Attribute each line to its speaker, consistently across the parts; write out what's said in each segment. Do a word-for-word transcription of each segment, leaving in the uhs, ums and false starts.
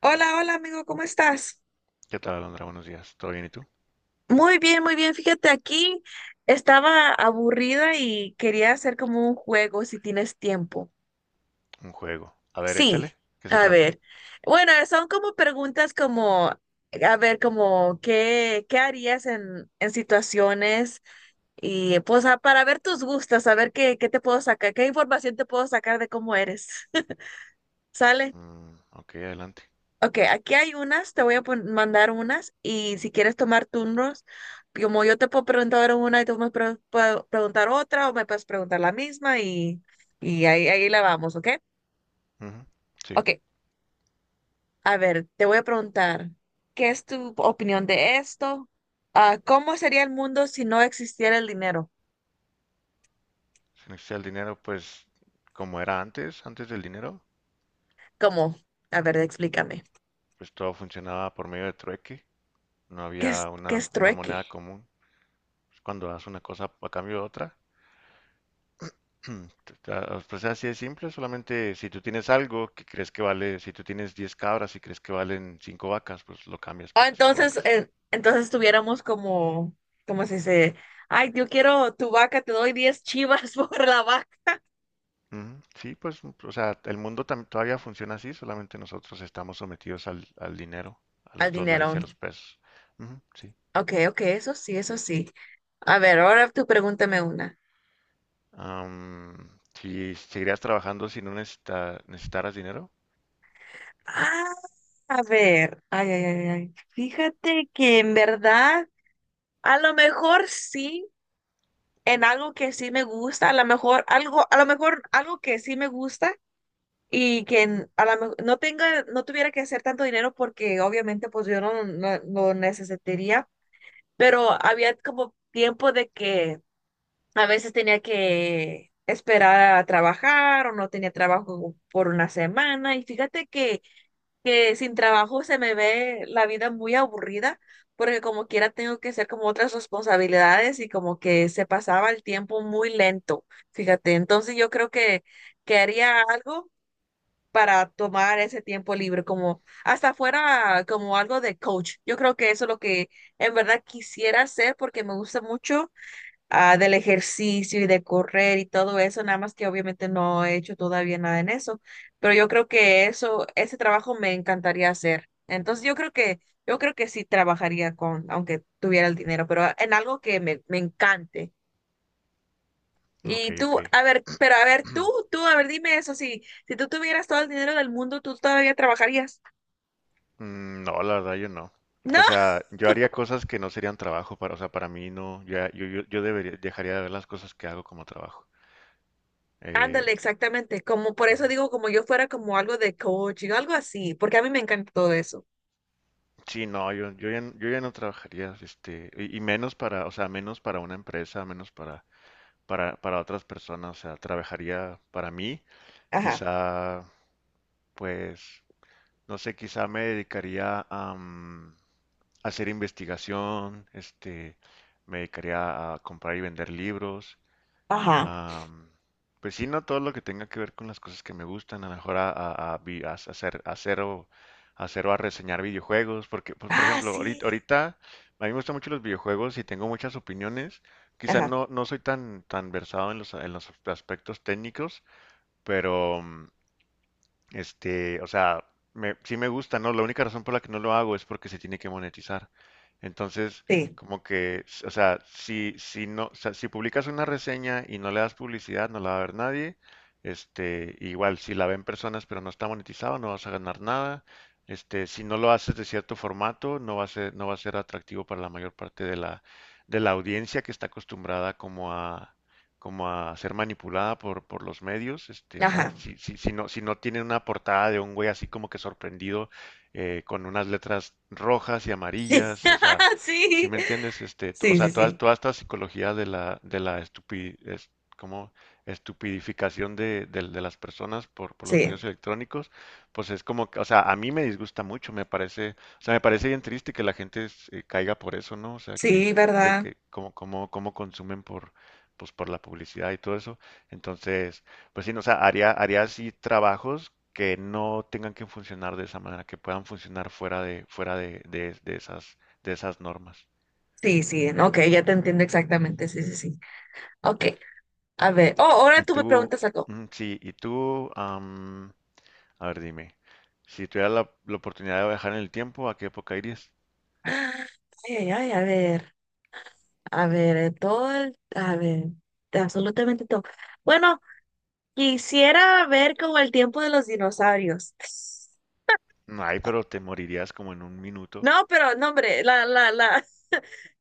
Speaker 1: Hola, hola amigo, ¿cómo estás?
Speaker 2: ¿Qué tal, Alondra? Buenos días. ¿Todo bien y tú?
Speaker 1: Muy bien, muy bien. Fíjate, aquí estaba aburrida y quería hacer como un juego si tienes tiempo.
Speaker 2: Un juego. A ver, échale.
Speaker 1: Sí,
Speaker 2: ¿Qué se
Speaker 1: a
Speaker 2: trata?
Speaker 1: ver. Bueno, son como preguntas como, a ver, como, ¿qué, qué harías en, en situaciones? Y pues a- para ver tus gustos, a ver qué, qué te puedo sacar, qué información te puedo sacar de cómo eres. ¿Sale?
Speaker 2: Mm, ok, adelante.
Speaker 1: Ok, aquí hay unas, te voy a pon- mandar unas y si quieres tomar turnos, como yo te puedo preguntar ahora una y tú me pre- puedo preguntar otra o me puedes preguntar la misma y, y ahí, ahí la vamos, ¿ok?
Speaker 2: Ujú. Sí.
Speaker 1: Ok, a ver, te voy a preguntar, ¿qué es tu opinión de esto? Ah, ¿cómo sería el mundo si no existiera el dinero?
Speaker 2: Si no existía el dinero, pues como era antes, antes del dinero,
Speaker 1: ¿Cómo? A ver, explícame.
Speaker 2: pues todo funcionaba por medio de trueque. No
Speaker 1: ¿Qué es,
Speaker 2: había
Speaker 1: qué
Speaker 2: una,
Speaker 1: es
Speaker 2: una
Speaker 1: trueque?
Speaker 2: moneda común. Pues, cuando das una cosa a cambio de otra, te- te- pues así de simple. Solamente si tú tienes algo que crees que vale, si tú tienes diez cabras y crees que valen cinco vacas, pues lo cambias
Speaker 1: Ah,
Speaker 2: por las cinco
Speaker 1: entonces,
Speaker 2: vacas.
Speaker 1: eh, entonces tuviéramos como, como si se, ay, yo quiero tu vaca, te doy diez chivas por la vaca.
Speaker 2: Ujú. Sí, pues, mm, o sea, el mundo tam- todavía funciona así, solamente nosotros estamos sometidos al, al dinero, a los
Speaker 1: Al
Speaker 2: dólares y
Speaker 1: dinero.
Speaker 2: a los pesos. Ujú, sí.
Speaker 1: Ok, ok, eso sí, eso sí. A ver, ahora tú pregúntame una.
Speaker 2: Am, si seguirías trabajando si no necesita- necesitaras dinero?
Speaker 1: Ah, a ver, ay, ay, ay, ay. Fíjate que en verdad, a lo mejor sí, en algo que sí me gusta, a lo mejor algo, a lo mejor algo que sí me gusta, y que n- a la mej- no tenga, no tuviera que hacer tanto dinero porque obviamente pues yo no, no, no necesitaría, pero había como tiempo de que a veces tenía que esperar a trabajar o no tenía trabajo por una semana y fíjate que, que sin trabajo se me ve la vida muy aburrida porque como quiera tengo que hacer como otras responsabilidades y como que se pasaba el tiempo muy lento, fíjate, entonces yo creo que, que haría algo para tomar ese tiempo libre, como hasta fuera como algo de coach. Yo creo que eso es lo que en verdad quisiera hacer porque me gusta mucho ah, del ejercicio y de correr y todo eso, nada más que obviamente no he hecho todavía nada en eso, pero yo creo que eso, ese trabajo me encantaría hacer. Entonces yo creo que, yo creo que sí trabajaría con, aunque tuviera el dinero, pero en algo que me, me encante.
Speaker 2: Ok,
Speaker 1: Y tú,
Speaker 2: ok.
Speaker 1: a ver, pero a ver, tú, tú, a ver, dime eso, si, si tú tuvieras todo el dinero del mundo, ¿tú todavía trabajarías?
Speaker 2: Mm, no, la verdad yo no.
Speaker 1: No,
Speaker 2: O sea, yo haría cosas que no serían trabajo para, o sea, para mí no, ya- yo, yo, yo debería, dejaría de ver las cosas que hago como trabajo. Eh,
Speaker 1: ándale, exactamente, como por eso
Speaker 2: ujú.
Speaker 1: digo, como yo fuera como algo de coaching, algo así, porque a mí me encanta todo eso.
Speaker 2: Sí, no, yo, yo ya, n- yo ya no trabajaría, este, y, y menos para, o sea, menos para una empresa, menos para para, para otras personas, o sea, trabajaría para mí,
Speaker 1: Ajá,
Speaker 2: quizá, pues, no sé, quizá me dedicaría a, mm, hacer investigación, este, me dedicaría a comprar y vender libros.
Speaker 1: ajá,
Speaker 2: Am, pues sí, no todo lo que tenga que ver con las cosas que me gustan, a lo mejor a, a- a vi- a hacer, a hacer o, a hacer o a reseñar videojuegos, porque, pues, por
Speaker 1: ah,
Speaker 2: ejemplo, ahorita,
Speaker 1: sí,
Speaker 2: ahorita a mí me gustan mucho los videojuegos y tengo muchas opiniones. Quizá
Speaker 1: ajá,
Speaker 2: no, no soy tan, tan versado en los, en los aspectos técnicos, pero, mm, este, o sea, me- sí me gusta, ¿no? La única razón por la que no lo hago es porque se tiene que monetizar. Entonces,
Speaker 1: sí,
Speaker 2: como que, s- o sea, si, si no, o sea, si publicas una reseña y no le das publicidad, no la va a ver nadie. Este, igual, si la ven personas pero no está monetizado, no vas a ganar nada. Este, si no lo haces de cierto formato, no va a ser, no va a ser atractivo para la mayor parte de la, de la audiencia que está acostumbrada como a como a ser manipulada por, por los medios, este, o sea,
Speaker 1: ajá,
Speaker 2: si, si, si no, si no tienen una portada de un güey así como que sorprendido eh, con unas letras rojas y
Speaker 1: sí,
Speaker 2: amarillas, o sea, si
Speaker 1: sí,
Speaker 2: me entiendes, este, t- o
Speaker 1: sí,
Speaker 2: sea,
Speaker 1: sí,
Speaker 2: toda,
Speaker 1: sí,
Speaker 2: toda esta psicología de la, de la estupi- es- como estupidificación de, del- de las personas por, por los
Speaker 1: sí,
Speaker 2: medios electrónicos, pues es como, que- o sea, a mí me disgusta mucho, me parece, o sea, me parece bien triste que la gente eh, caiga por eso, ¿no? O sea, que,
Speaker 1: sí,
Speaker 2: que,
Speaker 1: ¿verdad?
Speaker 2: que como, como, como consumen por pues por la publicidad y todo eso. Entonces, pues sí, no, o sea, haría, haría así trabajos que no tengan que funcionar de esa manera, que puedan funcionar fuera de, fuera de, de- de esas, de esas normas.
Speaker 1: Sí, sí, ok, ya te entiendo exactamente, sí, sí, sí, ok, a ver, oh, ahora
Speaker 2: Y
Speaker 1: tú me
Speaker 2: tú,
Speaker 1: preguntas algo.
Speaker 2: mm, sí, y tú, am, a ver, dime, si tuvieras la, la oportunidad de viajar en el tiempo, ¿a qué época irías?
Speaker 1: Ah, ay, ay, ay, a ver. A ver, eh, todo el, a ver, absolutamente todo. Bueno, quisiera ver como el tiempo de los dinosaurios.
Speaker 2: Ay, pero te morirías como en un minuto.
Speaker 1: No, pero no, hombre, la, la, la,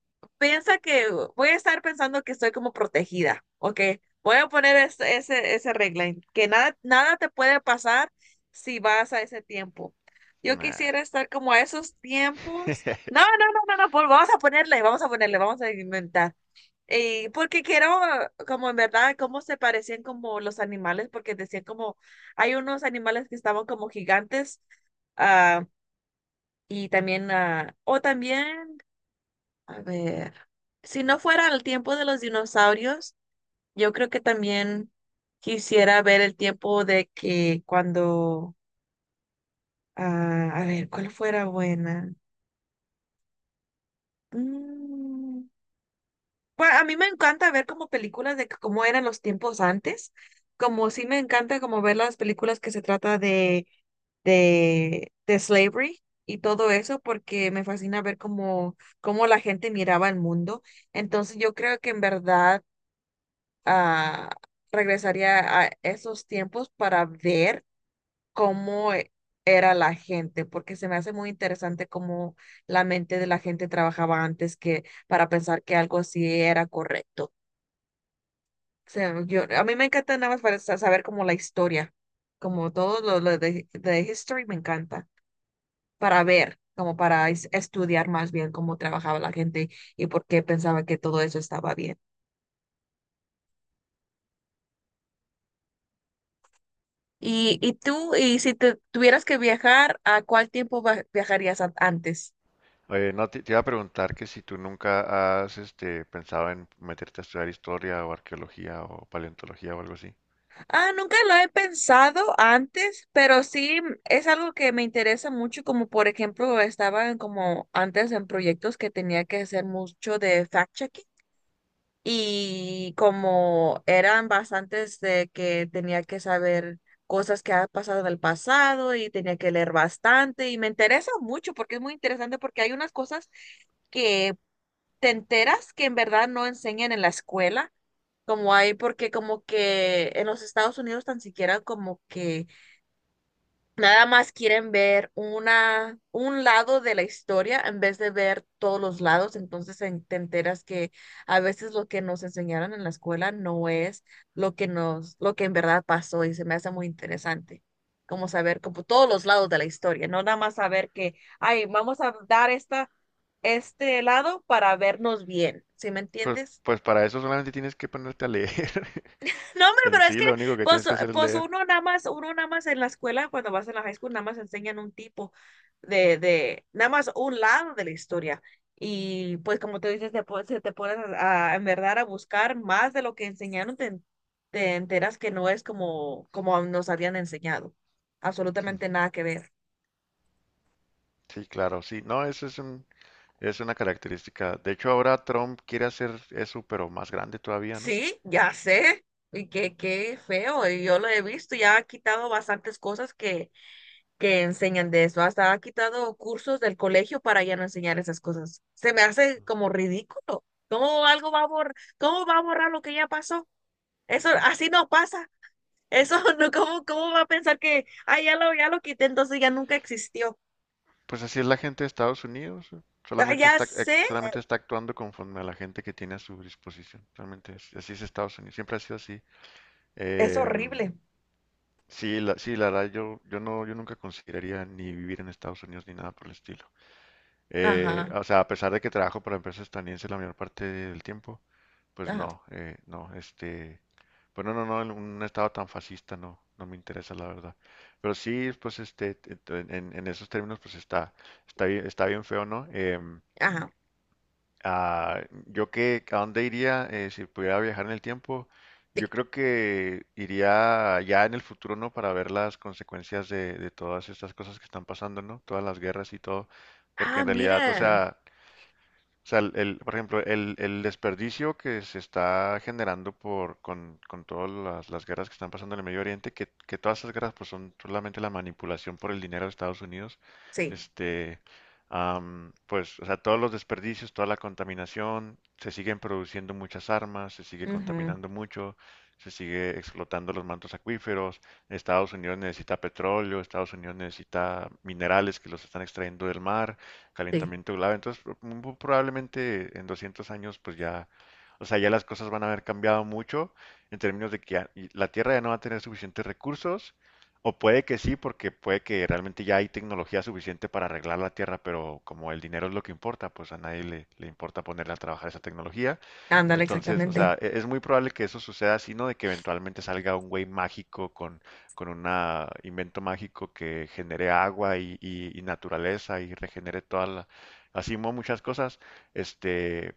Speaker 1: piensa que voy a estar pensando que estoy como protegida, ¿ok? Voy a poner es- ese, ese, regla, en que nada, nada te puede pasar si vas a ese tiempo. Yo
Speaker 2: Nah.
Speaker 1: quisiera estar como a esos tiempos. No, no, no, no, no, pues vamos a ponerle, vamos a ponerle, vamos a inventar. Y porque quiero, como en verdad, cómo se parecían como los animales, porque decían como, hay unos animales que estaban como gigantes, ah, y también, ah, o también, a ver, si no fuera el tiempo de los dinosaurios, yo creo que también quisiera ver el tiempo de que cuando, ah, a ver, ¿cuál fuera buena? Mm, Bueno, a mí me encanta ver como películas de cómo eran los tiempos antes, como sí me encanta como ver las películas que se trata de, de, de, slavery y todo eso, porque me fascina ver cómo, cómo la gente miraba el mundo. Entonces yo creo que en verdad ah, regresaría a esos tiempos para ver cómo e- era la gente, porque se me hace muy interesante cómo la mente de la gente trabajaba antes que para pensar que algo así era correcto. O sea, yo, a mí me encanta nada más para sa- saber como la historia, como todo lo, lo, de, de history me encanta, para ver, como para es- estudiar más bien cómo trabajaba la gente y por qué pensaba que todo eso estaba bien. Y, y tú, y si te tuvieras que viajar, ¿a cuál tiempo va- viajarías an- antes?
Speaker 2: Oye, no, te, te iba a preguntar que si tú nunca has este, pensado en meterte a estudiar historia o arqueología o paleontología o algo así.
Speaker 1: Ah, nunca lo he pensado antes, pero sí mm, es algo que me interesa mucho, como por ejemplo estaba en como antes en proyectos que tenía que hacer mucho de fact-checking. Y como eran bastantes de que tenía que saber cosas que han pasado en el pasado y tenía que leer bastante y me interesa mucho porque es muy interesante porque hay unas cosas que te enteras que en verdad no enseñan en la escuela, como hay porque como que en los Estados Unidos tan siquiera como que nada más quieren ver una, un lado de la historia en vez de ver todos los lados. Entonces en- te enteras que a veces lo que nos enseñaron en la escuela no es lo que nos, lo que en verdad pasó y se me hace muy interesante. Como saber como todos los lados de la historia, no nada más saber que, ay, vamos a dar esta, este lado para vernos bien. ¿Sí me
Speaker 2: Pues,
Speaker 1: entiendes?
Speaker 2: pues para eso solamente tienes que ponerte a leer.
Speaker 1: No, hombre,
Speaker 2: En
Speaker 1: pero es
Speaker 2: sí,
Speaker 1: que,
Speaker 2: lo único que
Speaker 1: pues,
Speaker 2: tienes que hacer es
Speaker 1: pues
Speaker 2: leer.
Speaker 1: uno nada más, uno nada más en la escuela, cuando vas a la high school, nada más enseñan un tipo de, de, nada más un lado de la historia. Y pues como tú dices, te, pon- se te pones a, a, en verdad a buscar más de lo que enseñaron, te, en- te enteras que no es como, como nos habían enseñado. Absolutamente nada que ver.
Speaker 2: Sí, claro, sí. No, eso es un, es una característica. De hecho, ahora Trump quiere hacer eso, pero más grande todavía, ¿no?
Speaker 1: Sí, ya sé. Y qué, qué feo. Y yo lo he visto, ya ha quitado bastantes cosas que que enseñan de eso. Hasta ha quitado cursos del colegio para ya no enseñar esas cosas. Se me hace como ridículo. ¿Cómo algo va a borrar, cómo va a borrar lo que ya pasó? Eso así no pasa. Eso no, ¿cómo, cómo va a pensar que, ah, ya lo, ya lo quité, entonces ya nunca existió?
Speaker 2: Pues así es la gente de Estados Unidos. ¿No?
Speaker 1: Ah,
Speaker 2: Solamente
Speaker 1: ya
Speaker 2: está, ac-
Speaker 1: sé,
Speaker 2: solamente está actuando conforme a la gente que tiene a su disposición. Realmente es- así es Estados Unidos. Siempre ha sido así.
Speaker 1: es
Speaker 2: Em,
Speaker 1: horrible.
Speaker 2: Sí, la, sí, la verdad, yo, yo no, yo nunca consideraría ni vivir en Estados Unidos ni nada por el estilo. Eh,
Speaker 1: Ajá,
Speaker 2: o sea, a pesar de que trabajo para empresas estadounidenses la mayor parte del tiempo, pues
Speaker 1: ajá,
Speaker 2: no, eh, no, este, pues no, no, no, en un estado tan fascista no, no me interesa la verdad. Pero sí, pues este, en, en- en esos términos, pues está, está bien, está bien feo, ¿no? Em,
Speaker 1: ajá.
Speaker 2: ah, yo que, ¿a dónde iría eh, si pudiera viajar en el tiempo?
Speaker 1: Sí.
Speaker 2: Yo creo que iría ya en el futuro, ¿no? Para ver las consecuencias de, de todas estas cosas que están pasando, ¿no? Todas las guerras y todo. Porque
Speaker 1: Ah,
Speaker 2: en realidad, o
Speaker 1: mira.
Speaker 2: sea, o sea, el, el- por ejemplo, el, el desperdicio que se está generando por, con, con todas las, las guerras que están pasando en el Medio Oriente, que, que todas esas guerras pues son solamente la manipulación por el dinero de Estados Unidos,
Speaker 1: Sí.
Speaker 2: este, am, pues, o sea, todos los desperdicios, toda la contaminación, se siguen produciendo muchas armas, se sigue
Speaker 1: Ujú,
Speaker 2: contaminando mucho, se sigue explotando los mantos acuíferos, Estados Unidos necesita petróleo, Estados Unidos necesita minerales que los están extrayendo del mar,
Speaker 1: sí.
Speaker 2: calentamiento global. Entonces, pro- muy probablemente en doscientos años, pues ya, o sea, ya las cosas van a haber cambiado mucho en términos de que ya- y la Tierra ya no va a tener suficientes recursos, o puede que sí, porque puede que realmente ya hay tecnología suficiente para arreglar la Tierra, pero como el dinero es lo que importa, pues a nadie le, le importa ponerle a trabajar esa tecnología.
Speaker 1: Ándale,
Speaker 2: Entonces, o
Speaker 1: exactamente.
Speaker 2: sea, e- es muy probable que eso suceda, sino de que eventualmente salga un güey mágico con, con un invento mágico que genere agua y, y- y naturaleza y regenere toda la, así mo- muchas cosas. Este,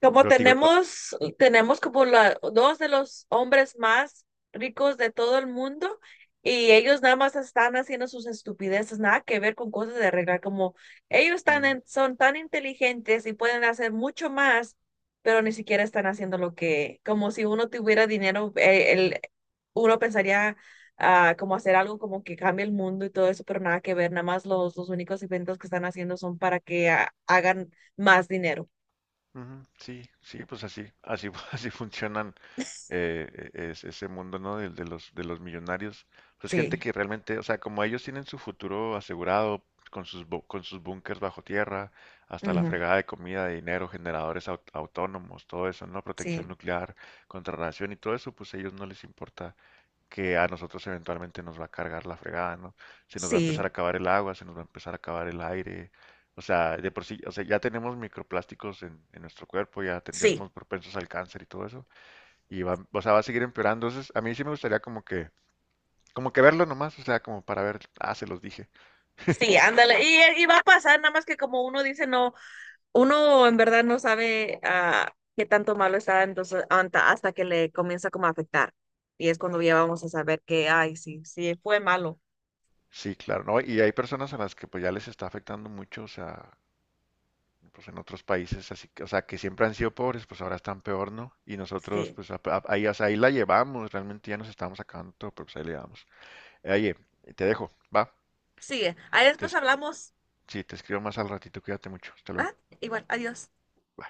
Speaker 1: Como
Speaker 2: pero te digo, to-
Speaker 1: tenemos, tenemos como la, dos de los hombres más ricos de todo el mundo y ellos nada más están haciendo sus estupideces, nada que ver con cosas de arreglar, como ellos están
Speaker 2: ujú,
Speaker 1: en- son tan inteligentes y pueden hacer mucho más, pero ni siquiera están haciendo lo que, como si uno tuviera dinero, eh, el, uno pensaría ah, como hacer algo como que cambie el mundo y todo eso, pero nada que ver, nada más los, los únicos eventos que están haciendo son para que ah, hagan más dinero.
Speaker 2: ujú, sí, sí, pues así, así, así funcionan eh, e- es ese mundo, ¿no? De, de los, de los millonarios. Pues gente
Speaker 1: Sí,
Speaker 2: que realmente, o sea, como ellos tienen su futuro asegurado con sus, bu- con sus búnkers bajo tierra, hasta la
Speaker 1: ujú,
Speaker 2: fregada de comida, de dinero, generadores au- autónomos, todo eso, ¿no?
Speaker 1: sí,
Speaker 2: Protección nuclear, contrarradiación y todo eso, pues a ellos no les importa que a nosotros eventualmente nos va a cargar la fregada, ¿no? Se nos va a
Speaker 1: sí,
Speaker 2: empezar a acabar el agua, se nos va a empezar a acabar el aire. O sea, de por sí, o sea, ya tenemos microplásticos en, en nuestro cuerpo, ya, ten- ya
Speaker 1: sí,
Speaker 2: somos propensos al cáncer y todo eso y va, o sea, va a seguir empeorando. Entonces, a mí sí me gustaría como que, como que verlo nomás, o sea, como para ver, ah, se los dije.
Speaker 1: sí, ándale. Y, eh, y va a pasar, nada más que como uno dice, no, uno en verdad no sabe ah, qué tanto malo está, entonces hasta, hasta que le comienza como a afectar. Y es cuando ya vamos a saber que, ay, sí, sí, fue malo.
Speaker 2: Sí, claro, ¿no? Y hay personas a las que pues ya les está afectando mucho, o sea, pues en otros países, así que, o sea, que siempre han sido pobres, pues ahora están peor, ¿no? Y nosotros,
Speaker 1: Sí,
Speaker 2: pues a- a- ahí, o sea, ahí la llevamos, realmente ya nos estamos acabando todo, pero pues ahí la llevamos. Eh, Oye, te dejo, va,
Speaker 1: sí. Ahí
Speaker 2: te,
Speaker 1: después
Speaker 2: es-
Speaker 1: hablamos.
Speaker 2: sí, te escribo más al ratito, cuídate mucho, hasta luego.
Speaker 1: Ah, igual, adiós.
Speaker 2: Bye.